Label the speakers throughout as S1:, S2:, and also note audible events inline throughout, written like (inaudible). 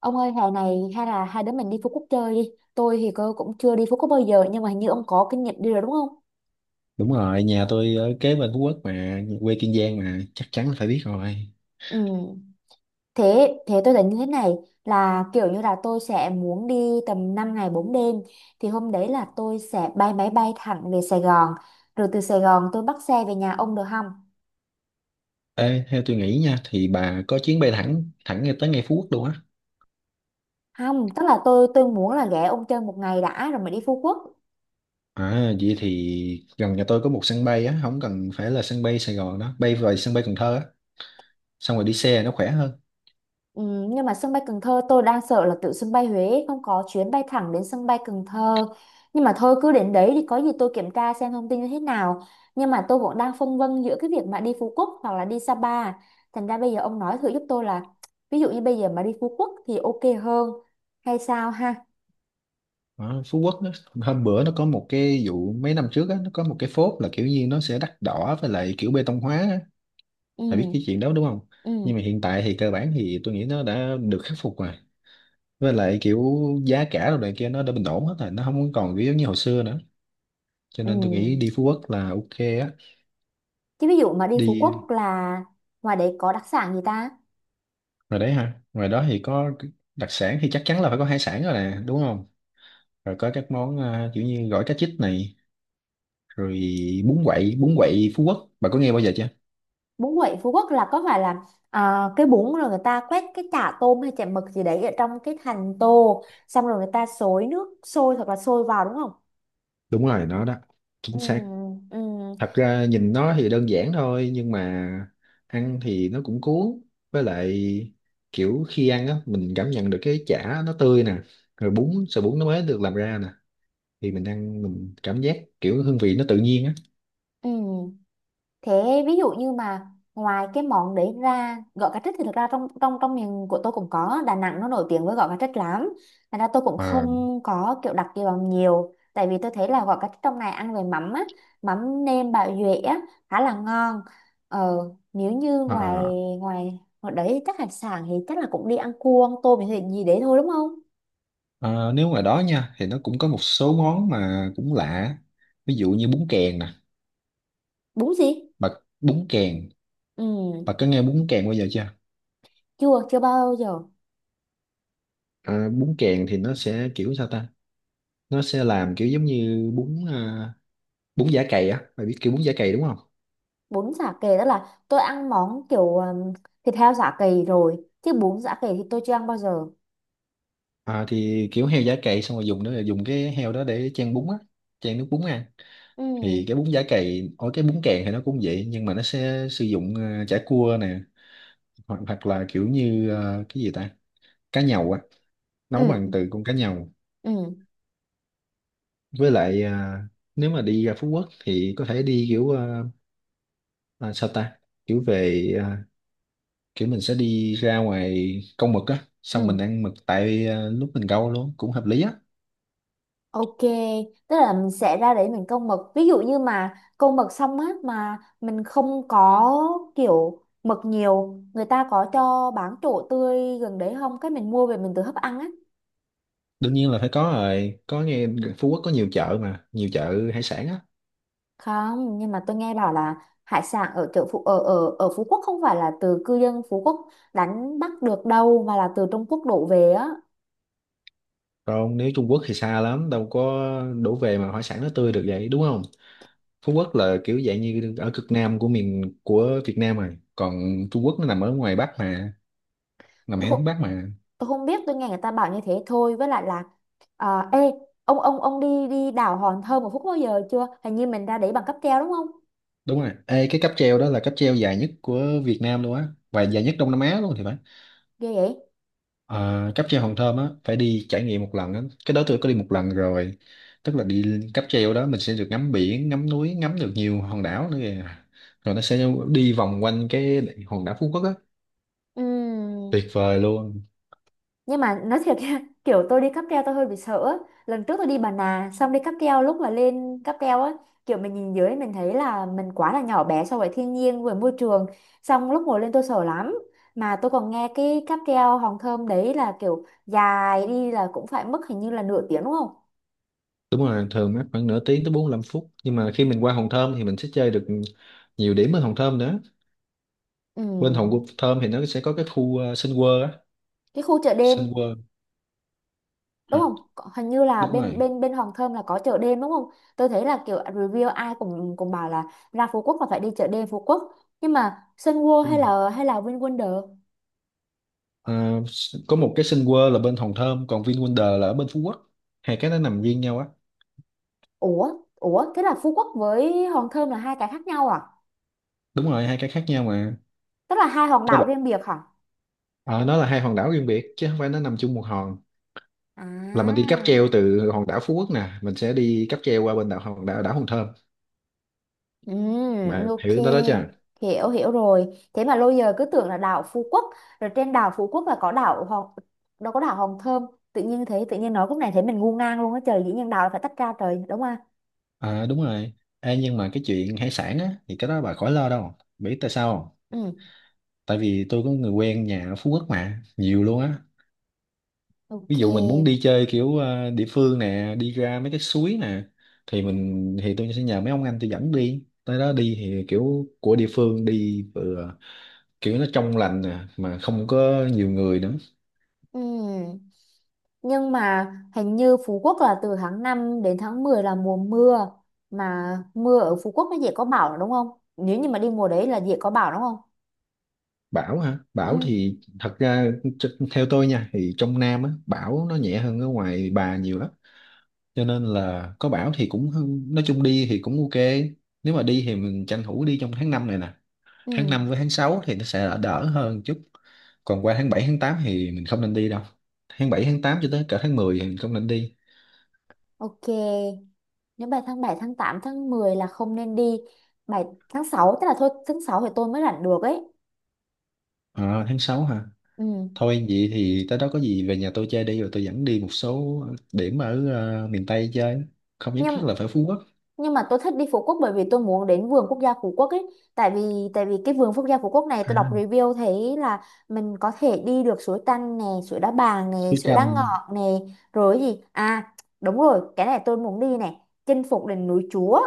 S1: Ông ơi, hè này hay là hai đứa mình đi Phú Quốc chơi đi. Tôi thì cô cũng chưa đi Phú Quốc bao giờ, nhưng mà hình như ông có kinh nghiệm đi rồi đúng không?
S2: Đúng rồi, nhà tôi ở kế bên Phú Quốc mà, quê Kiên Giang mà, chắc chắn là phải biết rồi.
S1: Ừ. Thế thế tôi tính như thế này, là kiểu như là tôi sẽ muốn đi tầm 5 ngày 4 đêm, thì hôm đấy là tôi sẽ bay máy bay thẳng về Sài Gòn, rồi từ Sài Gòn tôi bắt xe về nhà ông được không?
S2: Ê, theo tôi nghĩ nha, thì bà có chuyến bay thẳng ngay tới ngay Phú Quốc luôn á.
S1: Không, tức là tôi muốn là ghé ông chơi một ngày đã rồi mới đi Phú Quốc.
S2: À, vậy thì gần nhà tôi có một sân bay á, không cần phải là sân bay Sài Gòn đó, bay về sân bay Cần Thơ á, xong rồi đi xe nó khỏe hơn.
S1: Ừ, nhưng mà sân bay Cần Thơ tôi đang sợ là từ sân bay Huế không có chuyến bay thẳng đến sân bay Cần Thơ. Nhưng mà thôi, cứ đến đấy thì có gì tôi kiểm tra xem thông tin như thế nào. Nhưng mà tôi cũng đang phân vân giữa cái việc mà đi Phú Quốc hoặc là đi Sapa, thành ra bây giờ ông nói thử giúp tôi là ví dụ như bây giờ mà đi Phú Quốc thì ok hơn hay sao ha.
S2: Đó, Phú Quốc đó, hôm bữa nó có một cái vụ mấy năm trước á, nó có một cái phốt là kiểu như nó sẽ đắt đỏ với lại kiểu bê tông hóa á,
S1: Ừ.
S2: bà biết cái chuyện đó đúng không?
S1: Ừ.
S2: Nhưng mà hiện tại thì cơ bản thì tôi nghĩ nó đã được khắc phục rồi. Với lại kiểu giá cả đồ này kia nó đã bình ổn hết rồi, nó không còn kiểu giống như hồi phức xưa nữa, cho
S1: Ừ.
S2: nên tôi nghĩ đi Phú Quốc là ok á.
S1: Chứ ví dụ mà đi Phú
S2: Đi
S1: Quốc là ngoài đấy có đặc sản gì ta?
S2: rồi đấy ha, ngoài đó thì có đặc sản thì chắc chắn là phải có hải sản rồi nè, đúng không? Rồi có các món kiểu như gỏi cá chích này, rồi bún quậy Phú Quốc bà có nghe bao giờ chưa?
S1: Bún quậy Phú Quốc là có phải là à, cái bún rồi người ta quét cái chả tôm hay chả mực gì đấy ở trong cái thành tô, xong rồi người ta xối nước sôi hoặc là sôi vào đúng không?
S2: Đúng rồi, nó đó,
S1: Ừ.
S2: chính xác.
S1: Ừ.
S2: Thật ra nhìn nó thì đơn giản thôi, nhưng mà ăn thì nó cũng cuốn. Với lại kiểu khi ăn á mình cảm nhận được cái chả nó tươi nè, rồi bún sợi bún nó mới được làm ra nè, thì mình ăn mình cảm giác kiểu hương vị nó tự nhiên á.
S1: Ừ. Thế ví dụ như mà ngoài cái món đấy ra, gỏi cá trích thì thực ra trong trong trong miền của tôi cũng có, Đà Nẵng nó nổi tiếng với gỏi cá trích lắm, thành ra tôi cũng
S2: à,
S1: không có kiểu đặc kỳ vào nhiều tại vì tôi thấy là gỏi cá trích trong này ăn về mắm á, mắm nêm bào duệ á, khá là ngon. ờ, Nếu như ngoài
S2: à,
S1: ngoài ngoài đấy chắc hải sản thì chắc là cũng đi ăn cua ăn tôm thì gì đấy thôi đúng không?
S2: Nếu ngoài đó nha thì nó cũng có một số món mà cũng lạ, ví dụ như bún kèn nè.
S1: Đúng gì.
S2: Bà bún kèn
S1: Ừ.
S2: bà có nghe bún kèn bao giờ chưa?
S1: Chưa, chưa bao giờ.
S2: Bún kèn thì nó sẽ kiểu sao ta, nó sẽ làm kiểu giống như bún bún chả cày á, mày biết kiểu bún chả cày đúng không?
S1: Bún chả cầy tức là tôi ăn món kiểu thịt heo chả cầy rồi, chứ bún chả cầy thì tôi chưa ăn bao giờ.
S2: Thì kiểu heo chả cày xong rồi dùng đó là dùng cái heo đó để chan bún á, chan nước bún ăn. Thì
S1: Ừ.
S2: cái bún chả cày ở cái bún càng thì nó cũng vậy, nhưng mà nó sẽ sử dụng chả cua nè, hoặc hoặc là kiểu như cái gì ta, cá nhầu á, nấu bằng
S1: Ừ.
S2: từ con cá nhầu.
S1: Ừ.
S2: Với lại nếu mà đi ra Phú Quốc thì có thể đi kiểu sao ta, kiểu về kiểu mình sẽ đi ra ngoài câu mực á,
S1: Ừ.
S2: xong mình ăn mực tại lúc mình câu luôn cũng hợp lý á.
S1: Ok. Tức là mình sẽ ra để mình câu mực, ví dụ như mà câu mực xong á, mà mình không có kiểu mực nhiều, người ta có cho bán chỗ tươi gần đấy không, cái mình mua về mình tự hấp ăn á.
S2: Đương nhiên là phải có rồi, có nghe, Phú Quốc có nhiều chợ mà, nhiều chợ hải sản á.
S1: Không, nhưng mà tôi nghe bảo là hải sản ở chợ Phú ở ở ở Phú Quốc không phải là từ cư dân Phú Quốc đánh bắt được đâu, mà là từ Trung Quốc đổ về á.
S2: Còn nếu Trung Quốc thì xa lắm, đâu có đổ về mà hải sản nó tươi được vậy đúng không? Phú Quốc là kiểu dạng như ở cực nam của miền của Việt Nam rồi, còn Trung Quốc nó nằm ở ngoài Bắc mà, nằm ở
S1: tôi không,
S2: hướng Bắc mà.
S1: tôi không biết, tôi nghe người ta bảo như thế thôi. Với lại là, à, ê, ông đi đi đảo Hòn Thơm một phút bao giờ chưa? Hình như mình ra để bằng cáp treo đúng không?
S2: Đúng rồi. Ê, cái cáp treo đó là cáp treo dài nhất của Việt Nam luôn á, và dài nhất Đông Nam Á luôn thì phải.
S1: Ghê vậy.
S2: À, cáp treo Hòn Thơm á, phải đi trải nghiệm một lần á, cái đó tôi có đi một lần rồi. Tức là đi cáp treo đó mình sẽ được ngắm biển, ngắm núi, ngắm được nhiều hòn đảo nữa kìa, rồi nó sẽ đi vòng quanh cái hòn đảo Phú Quốc á. Tuyệt
S1: Ừm,
S2: vời luôn.
S1: nhưng mà nói thiệt nha, (laughs) kiểu tôi đi cáp treo tôi hơi bị sợ á. Lần trước tôi đi Bà Nà xong đi cáp treo, lúc mà lên cáp treo á, kiểu mình nhìn dưới mình thấy là mình quá là nhỏ bé so với thiên nhiên, với môi trường, xong lúc ngồi lên tôi sợ lắm. Mà tôi còn nghe cái cáp treo Hòn Thơm đấy là kiểu dài, đi là cũng phải mất hình như là nửa tiếng đúng không?
S2: Đúng rồi, thường mất khoảng nửa tiếng tới 45 phút, nhưng mà khi mình qua Hòn Thơm thì mình sẽ chơi được nhiều điểm ở Hòn Thơm nữa.
S1: Ừ.
S2: Bên Hòn Thơm thì nó sẽ có cái khu Sun World á.
S1: Cái khu chợ đêm
S2: Sun World
S1: đúng
S2: hả?
S1: không? Hình như là
S2: Đúng
S1: bên
S2: rồi,
S1: bên bên Hoàng Thơm là có chợ đêm đúng không? Tôi thấy là kiểu review ai cũng cũng bảo là ra Phú Quốc là phải đi chợ đêm Phú Quốc. Nhưng mà Sun World
S2: đúng
S1: hay
S2: rồi.
S1: là hay là VinWonder?
S2: Ờ, có một cái Sun World là bên Hòn Thơm, còn VinWonder là ở bên Phú Quốc, hai cái nó nằm riêng nhau á.
S1: Ủa, ủa thế là Phú Quốc với Hoàng Thơm là hai cái khác nhau à?
S2: Đúng rồi, hai cái khác nhau mà.
S1: Tức là hai hòn
S2: Các
S1: đảo
S2: bạn-
S1: riêng biệt hả?
S2: ờ, nó là hai hòn đảo riêng biệt chứ không phải nó nằm chung một hòn, là mình đi cáp treo
S1: À.
S2: từ hòn đảo Phú Quốc nè, mình sẽ đi cáp treo qua bên đảo đảo Hòn Thơm.
S1: Ừ,
S2: Bà
S1: ok.
S2: hiểu tới đó chưa?
S1: Hiểu, hiểu rồi. Thế mà lâu giờ cứ tưởng là đảo Phú Quốc, rồi trên đảo Phú Quốc là có đảo Hòn, đâu có đảo Hòn Thơm. Tự nhiên thế, tự nhiên nói cũng này thấy mình ngu ngang luôn á trời, dĩ nhiên đảo là phải tách ra trời, đúng không ạ?
S2: À, đúng rồi. Ê, nhưng mà cái chuyện hải sản á thì cái đó bà khỏi lo, đâu biết tại sao không?
S1: Ừ.
S2: Tại vì tôi có người quen nhà ở Phú Quốc mà, nhiều luôn á.
S1: Ok.
S2: Ví dụ mình muốn đi chơi kiểu địa phương nè, đi ra mấy cái suối nè, thì mình thì tôi sẽ nhờ mấy ông anh tôi dẫn đi tới đó đi, thì kiểu của địa phương đi vừa kiểu nó trong lành nè mà không có nhiều người nữa.
S1: Ừ. Nhưng mà hình như Phú Quốc là từ tháng 5 đến tháng 10 là mùa mưa, mà mưa ở Phú Quốc nó dễ có bão đúng không? Nếu như mà đi mùa đấy là dễ có bão đúng không?
S2: Bão hả? Bão
S1: Ừ.
S2: thì thật ra theo tôi nha thì trong Nam á bão nó nhẹ hơn ở ngoài Bà nhiều lắm, cho nên là có bão thì cũng nói chung đi thì cũng ok. Nếu mà đi thì mình tranh thủ đi trong tháng 5 này nè,
S1: Ừ.
S2: tháng 5 với tháng 6 thì nó sẽ đỡ đỡ hơn chút, còn qua tháng 7 tháng 8 thì mình không nên đi đâu, tháng 7 tháng 8 cho tới cả tháng 10 thì mình không nên đi.
S1: Ok. Nếu bài tháng 7 tháng 8 tháng 10 là không nên đi. Bài tháng 6, tức là thôi tháng 6 thì tôi mới rảnh được ấy.
S2: À, tháng 6 hả?
S1: Ừ.
S2: Thôi vậy thì tới đó có gì về nhà tôi chơi đi, rồi tôi dẫn đi một số điểm ở miền Tây chơi, không nhất thiết
S1: Nhưng
S2: là phải Phú Quốc.
S1: nhưng mà tôi thích đi Phú Quốc bởi vì tôi muốn đến vườn quốc gia Phú Quốc ấy. Tại vì cái vườn quốc gia Phú Quốc này tôi đọc
S2: À,
S1: review thấy là mình có thể đi được suối Tanh nè, suối Đá Bàng nè,
S2: suối
S1: suối Đá
S2: Chanh.
S1: Ngọt nè, rồi cái gì? À, đúng rồi, cái này tôi muốn đi này, chinh phục đỉnh núi Chúa.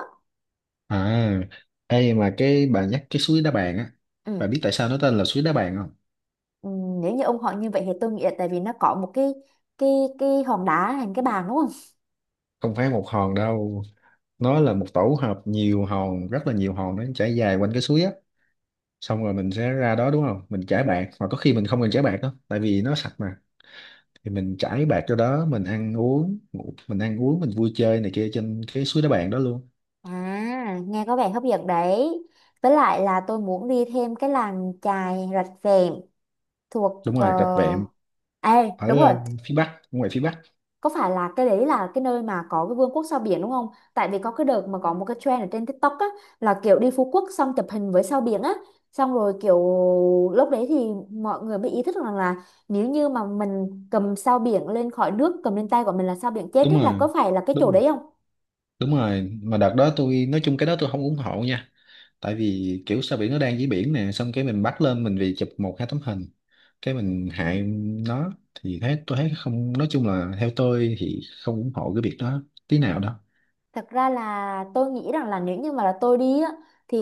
S2: À, ê mà cái bà nhắc cái suối Đá Bàn á, bà
S1: Ừ.
S2: biết tại sao nó tên là suối Đá Bàn không?
S1: Ừ, nếu như ông họ như vậy thì tôi nghĩ là tại vì nó có một cái cái hòn đá hình cái bàn đúng không?
S2: Không phải một hòn đâu, nó là một tổ hợp nhiều hòn, rất là nhiều hòn, nó chảy dài quanh cái suối á. Xong rồi mình sẽ ra đó đúng không, mình chải bạc, mà có khi mình không cần chải bạc đó tại vì nó sạch mà, thì mình chải bạc cho đó mình ăn uống ngủ, mình ăn uống mình vui chơi này kia trên cái suối đá bạc đó luôn.
S1: À, nghe có vẻ hấp dẫn đấy. Với lại là tôi muốn đi thêm cái làng chài Rạch Vẹm thuộc
S2: Đúng rồi, rạch vẹm
S1: à, đúng
S2: ở
S1: rồi,
S2: phía bắc, ngoài phía bắc.
S1: có phải là cái đấy là cái nơi mà có cái vương quốc sao biển đúng không? Tại vì có cái đợt mà có một cái trend ở trên TikTok á, là kiểu đi Phú Quốc xong chụp hình với sao biển á, xong rồi kiểu lúc đấy thì mọi người mới ý thức rằng là nếu như mà mình cầm sao biển lên khỏi nước, cầm lên tay của mình là sao biển chết
S2: Đúng
S1: á, là
S2: rồi.
S1: có phải là cái
S2: Đúng
S1: chỗ
S2: rồi.
S1: đấy không?
S2: Đúng rồi, mà đợt đó tôi nói chung cái đó tôi không ủng hộ nha, tại vì kiểu sao biển nó đang dưới biển nè, xong cái mình bắt lên mình vì chụp một hai tấm hình cái mình hại nó, thì thấy tôi thấy không, nói chung là theo tôi thì không ủng hộ cái việc đó tí nào đó.
S1: Thật ra là tôi nghĩ rằng là nếu như mà là tôi đi á, thì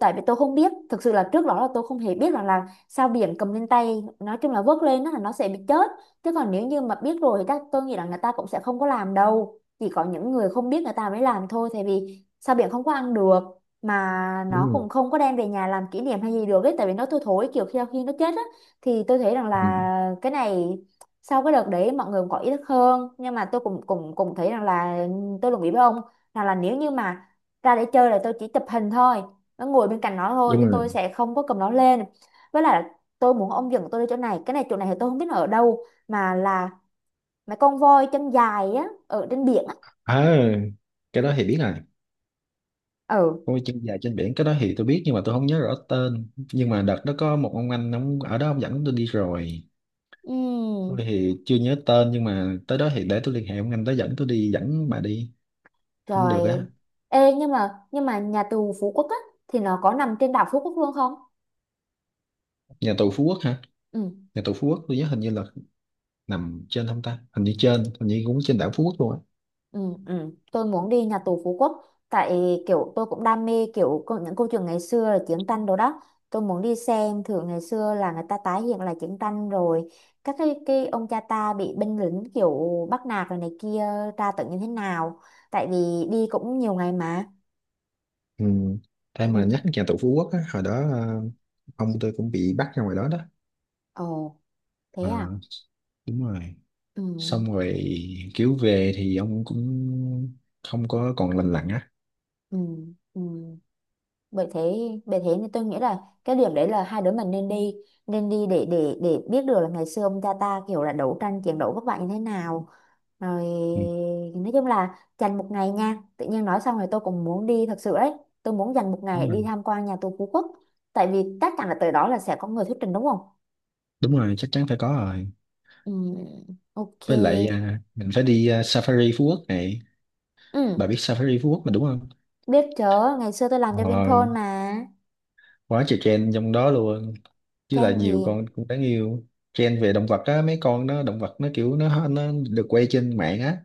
S1: tại vì tôi không biết, thực sự là trước đó là tôi không hề biết rằng là sao biển cầm lên tay, nói chung là vớt lên đó là nó sẽ bị chết. Chứ còn nếu như mà biết rồi thì chắc tôi nghĩ là người ta cũng sẽ không có làm đâu, chỉ có những người không biết người ta mới làm thôi, tại vì sao biển không có ăn được, mà nó
S2: Đúng
S1: cũng
S2: rồi.
S1: không có đem về nhà làm kỷ niệm hay gì được ấy, tại vì nó thui thối kiểu khi khi nó chết á. Thì tôi thấy rằng
S2: Ừ.
S1: là cái này sau cái đợt đấy mọi người cũng có ý thức hơn, nhưng mà tôi cũng cũng cũng thấy rằng là tôi đồng ý với ông, rằng là nếu như mà ra để chơi là tôi chỉ chụp hình thôi, nó ngồi bên cạnh nó thôi chứ
S2: Đúng rồi.
S1: tôi sẽ không có cầm nó lên. Với lại là tôi muốn ông dẫn tôi đi chỗ này, cái này chỗ này thì tôi không biết nó ở đâu, mà là mấy con voi chân dài á ở trên biển á.
S2: À, cái đó thì biết rồi.
S1: Ừ.
S2: Ôi chân dài trên biển, cái đó thì tôi biết, nhưng mà tôi không nhớ rõ tên, nhưng mà đợt đó có một ông anh ông ở đó ông dẫn tôi đi rồi. Tôi
S1: Ừm,
S2: thì chưa nhớ tên, nhưng mà tới đó thì để tôi liên hệ ông anh đó dẫn tôi đi dẫn bà đi cũng được
S1: rồi.
S2: á.
S1: Ê, nhưng mà nhà tù Phú Quốc á thì nó có nằm trên đảo Phú Quốc luôn không?
S2: Nhà tù Phú Quốc hả?
S1: Ừ.
S2: Nhà tù Phú Quốc tôi nhớ hình như là nằm trên không ta, hình như trên, hình như cũng trên đảo Phú Quốc luôn á.
S1: Ừ. Ừ. Tôi muốn đi nhà tù Phú Quốc tại kiểu tôi cũng đam mê kiểu những câu chuyện ngày xưa là chiến tranh đồ đó, tôi muốn đi xem thử ngày xưa là người ta tái hiện lại chiến tranh, rồi các cái ông cha ta bị binh lính kiểu bắt nạt rồi này kia, tra tấn như thế nào. Tại vì đi cũng nhiều ngày mà.
S2: Ừ. Em mà
S1: Ừ.
S2: nhắc nhà tù Phú Quốc á, hồi đó ông tôi cũng bị bắt ra ngoài đó đó.
S1: Ồ, thế
S2: Ờ,
S1: à?
S2: đúng rồi.
S1: Ừ.
S2: Xong rồi kiểu về thì ông cũng không có còn lành lặn á.
S1: Ừ. Ừ. bởi thế bởi thế nên tôi nghĩ là cái điểm đấy là hai đứa mình nên đi, nên đi để biết được là ngày xưa ông cha ta kiểu là đấu tranh chiến đấu các bạn như thế nào. Rồi
S2: Ừ.
S1: nói chung là dành một ngày nha, tự nhiên nói xong rồi tôi cũng muốn đi thật sự đấy, tôi muốn dành một ngày
S2: Đúng
S1: để
S2: rồi.
S1: đi tham quan nhà tù Phú Quốc. Tại vì chắc chắn là tới đó là sẽ có người thuyết trình đúng không?
S2: Đúng rồi, chắc chắn phải có rồi.
S1: Ừ, ok.
S2: Với lại mình phải đi Safari Phú Quốc này, bà
S1: Ừ,
S2: biết Safari Phú Quốc mà đúng không?
S1: biết chớ, ngày xưa tôi làm
S2: Ờ,
S1: cho Vinpearl mà.
S2: quá trời trend trong đó luôn, chứ là
S1: Tranh
S2: nhiều
S1: gì.
S2: con cũng đáng yêu. Trend về động vật á, mấy con nó động vật nó kiểu nó được quay trên mạng á,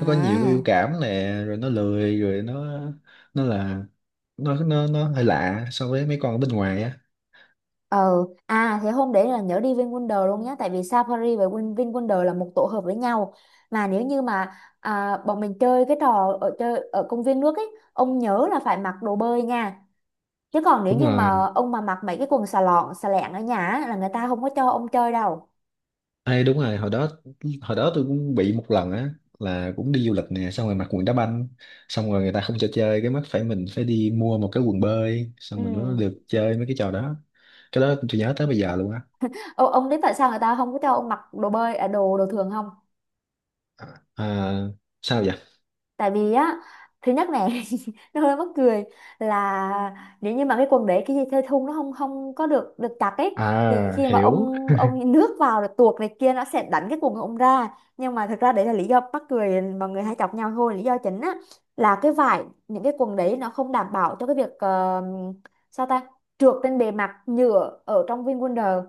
S2: nó có nhiều cái biểu cảm nè, rồi nó lười, rồi nó là nó hơi lạ so với mấy con ở bên ngoài á.
S1: Ờ, à thế hôm đấy là nhớ đi VinWonder luôn nhé. Tại vì Safari và VinWonder là một tổ hợp với nhau. Mà nếu như mà à, bọn mình chơi cái trò ở chơi ở công viên nước ấy, ông nhớ là phải mặc đồ bơi nha. Chứ còn nếu
S2: Đúng
S1: như
S2: rồi.
S1: mà ông mà mặc mấy cái quần xà lọn, xà lẹn ở nhà á, là người ta không có cho ông chơi đâu.
S2: Ê, đúng rồi, hồi đó tôi cũng bị một lần á, là cũng đi du lịch nè, xong rồi mặc quần đá banh, xong rồi người ta không cho chơi, cái mắt phải mình phải đi mua một cái quần bơi
S1: Ừ.
S2: xong mình mới được chơi mấy cái trò đó. Cái đó tôi nhớ tới bây giờ luôn á.
S1: Ô, ông biết tại sao người ta không có cho ông mặc đồ bơi, à, đồ đồ thường không?
S2: À, sao vậy?
S1: Tại vì á, thứ nhất này (laughs) nó hơi mắc cười, là nếu như mà cái quần đấy cái dây thơi thun nó không không có được được chặt ấy, thì
S2: À
S1: khi mà
S2: hiểu.
S1: ông nước vào rồi tuột này kia, nó sẽ đánh cái quần của ông ra. Nhưng mà thực ra đấy là lý do mắc cười mọi người hay chọc nhau thôi, lý do chính á là cái vải những cái quần đấy nó không đảm bảo cho cái việc sao ta, trượt trên bề mặt nhựa ở trong VinWonder,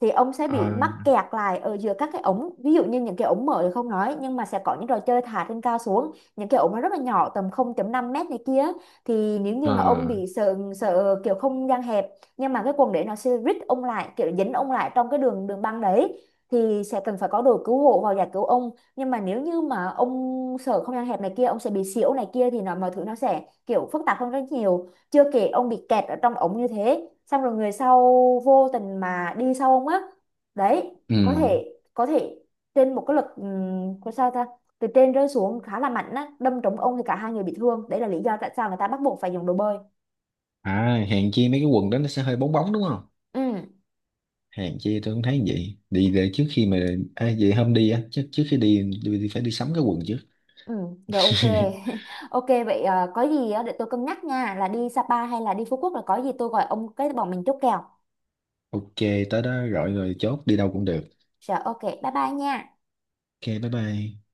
S1: thì ông sẽ
S2: à,
S1: bị mắc kẹt lại ở giữa các cái ống. Ví dụ như những cái ống mở thì không nói, nhưng mà sẽ có những trò chơi thả trên cao xuống, những cái ống nó rất là nhỏ tầm 0,5 mét này kia, thì nếu như mà ông
S2: à,
S1: bị sợ sợ kiểu không gian hẹp, nhưng mà cái quần để nó sẽ rít ông lại kiểu dính ông lại trong cái đường đường băng đấy, thì sẽ cần phải có đội cứu hộ vào giải cứu ông. Nhưng mà nếu như mà ông sợ không gian hẹp này kia, ông sẽ bị xỉu này kia, thì nó mọi thứ nó sẽ kiểu phức tạp hơn rất nhiều, chưa kể ông bị kẹt ở trong ống như thế xong rồi người sau vô tình mà đi sau ông á, đấy
S2: ừ.
S1: có thể trên một cái lực, có sao ta, từ trên rơi xuống khá là mạnh á đâm trúng ông thì cả hai người bị thương. Đấy là lý do tại sao người ta bắt buộc phải dùng đồ bơi.
S2: À hèn chi mấy cái quần đó nó sẽ hơi bóng bóng đúng không?
S1: Ừ.
S2: Hèn chi tôi cũng thấy vậy. Đi để trước khi mà à, vậy hôm đi á, trước trước khi đi, đi phải đi sắm cái quần trước.
S1: Ừ. Rồi, ok.
S2: (laughs)
S1: (laughs) Ok vậy, có gì á, để tôi cân nhắc nha là đi Sapa hay là đi Phú Quốc, là có gì tôi gọi ông cái bọn mình chốt kèo.
S2: Ok, tới đó gọi rồi chốt đi đâu cũng được.
S1: Rồi ok, bye bye nha.
S2: Ok, bye bye.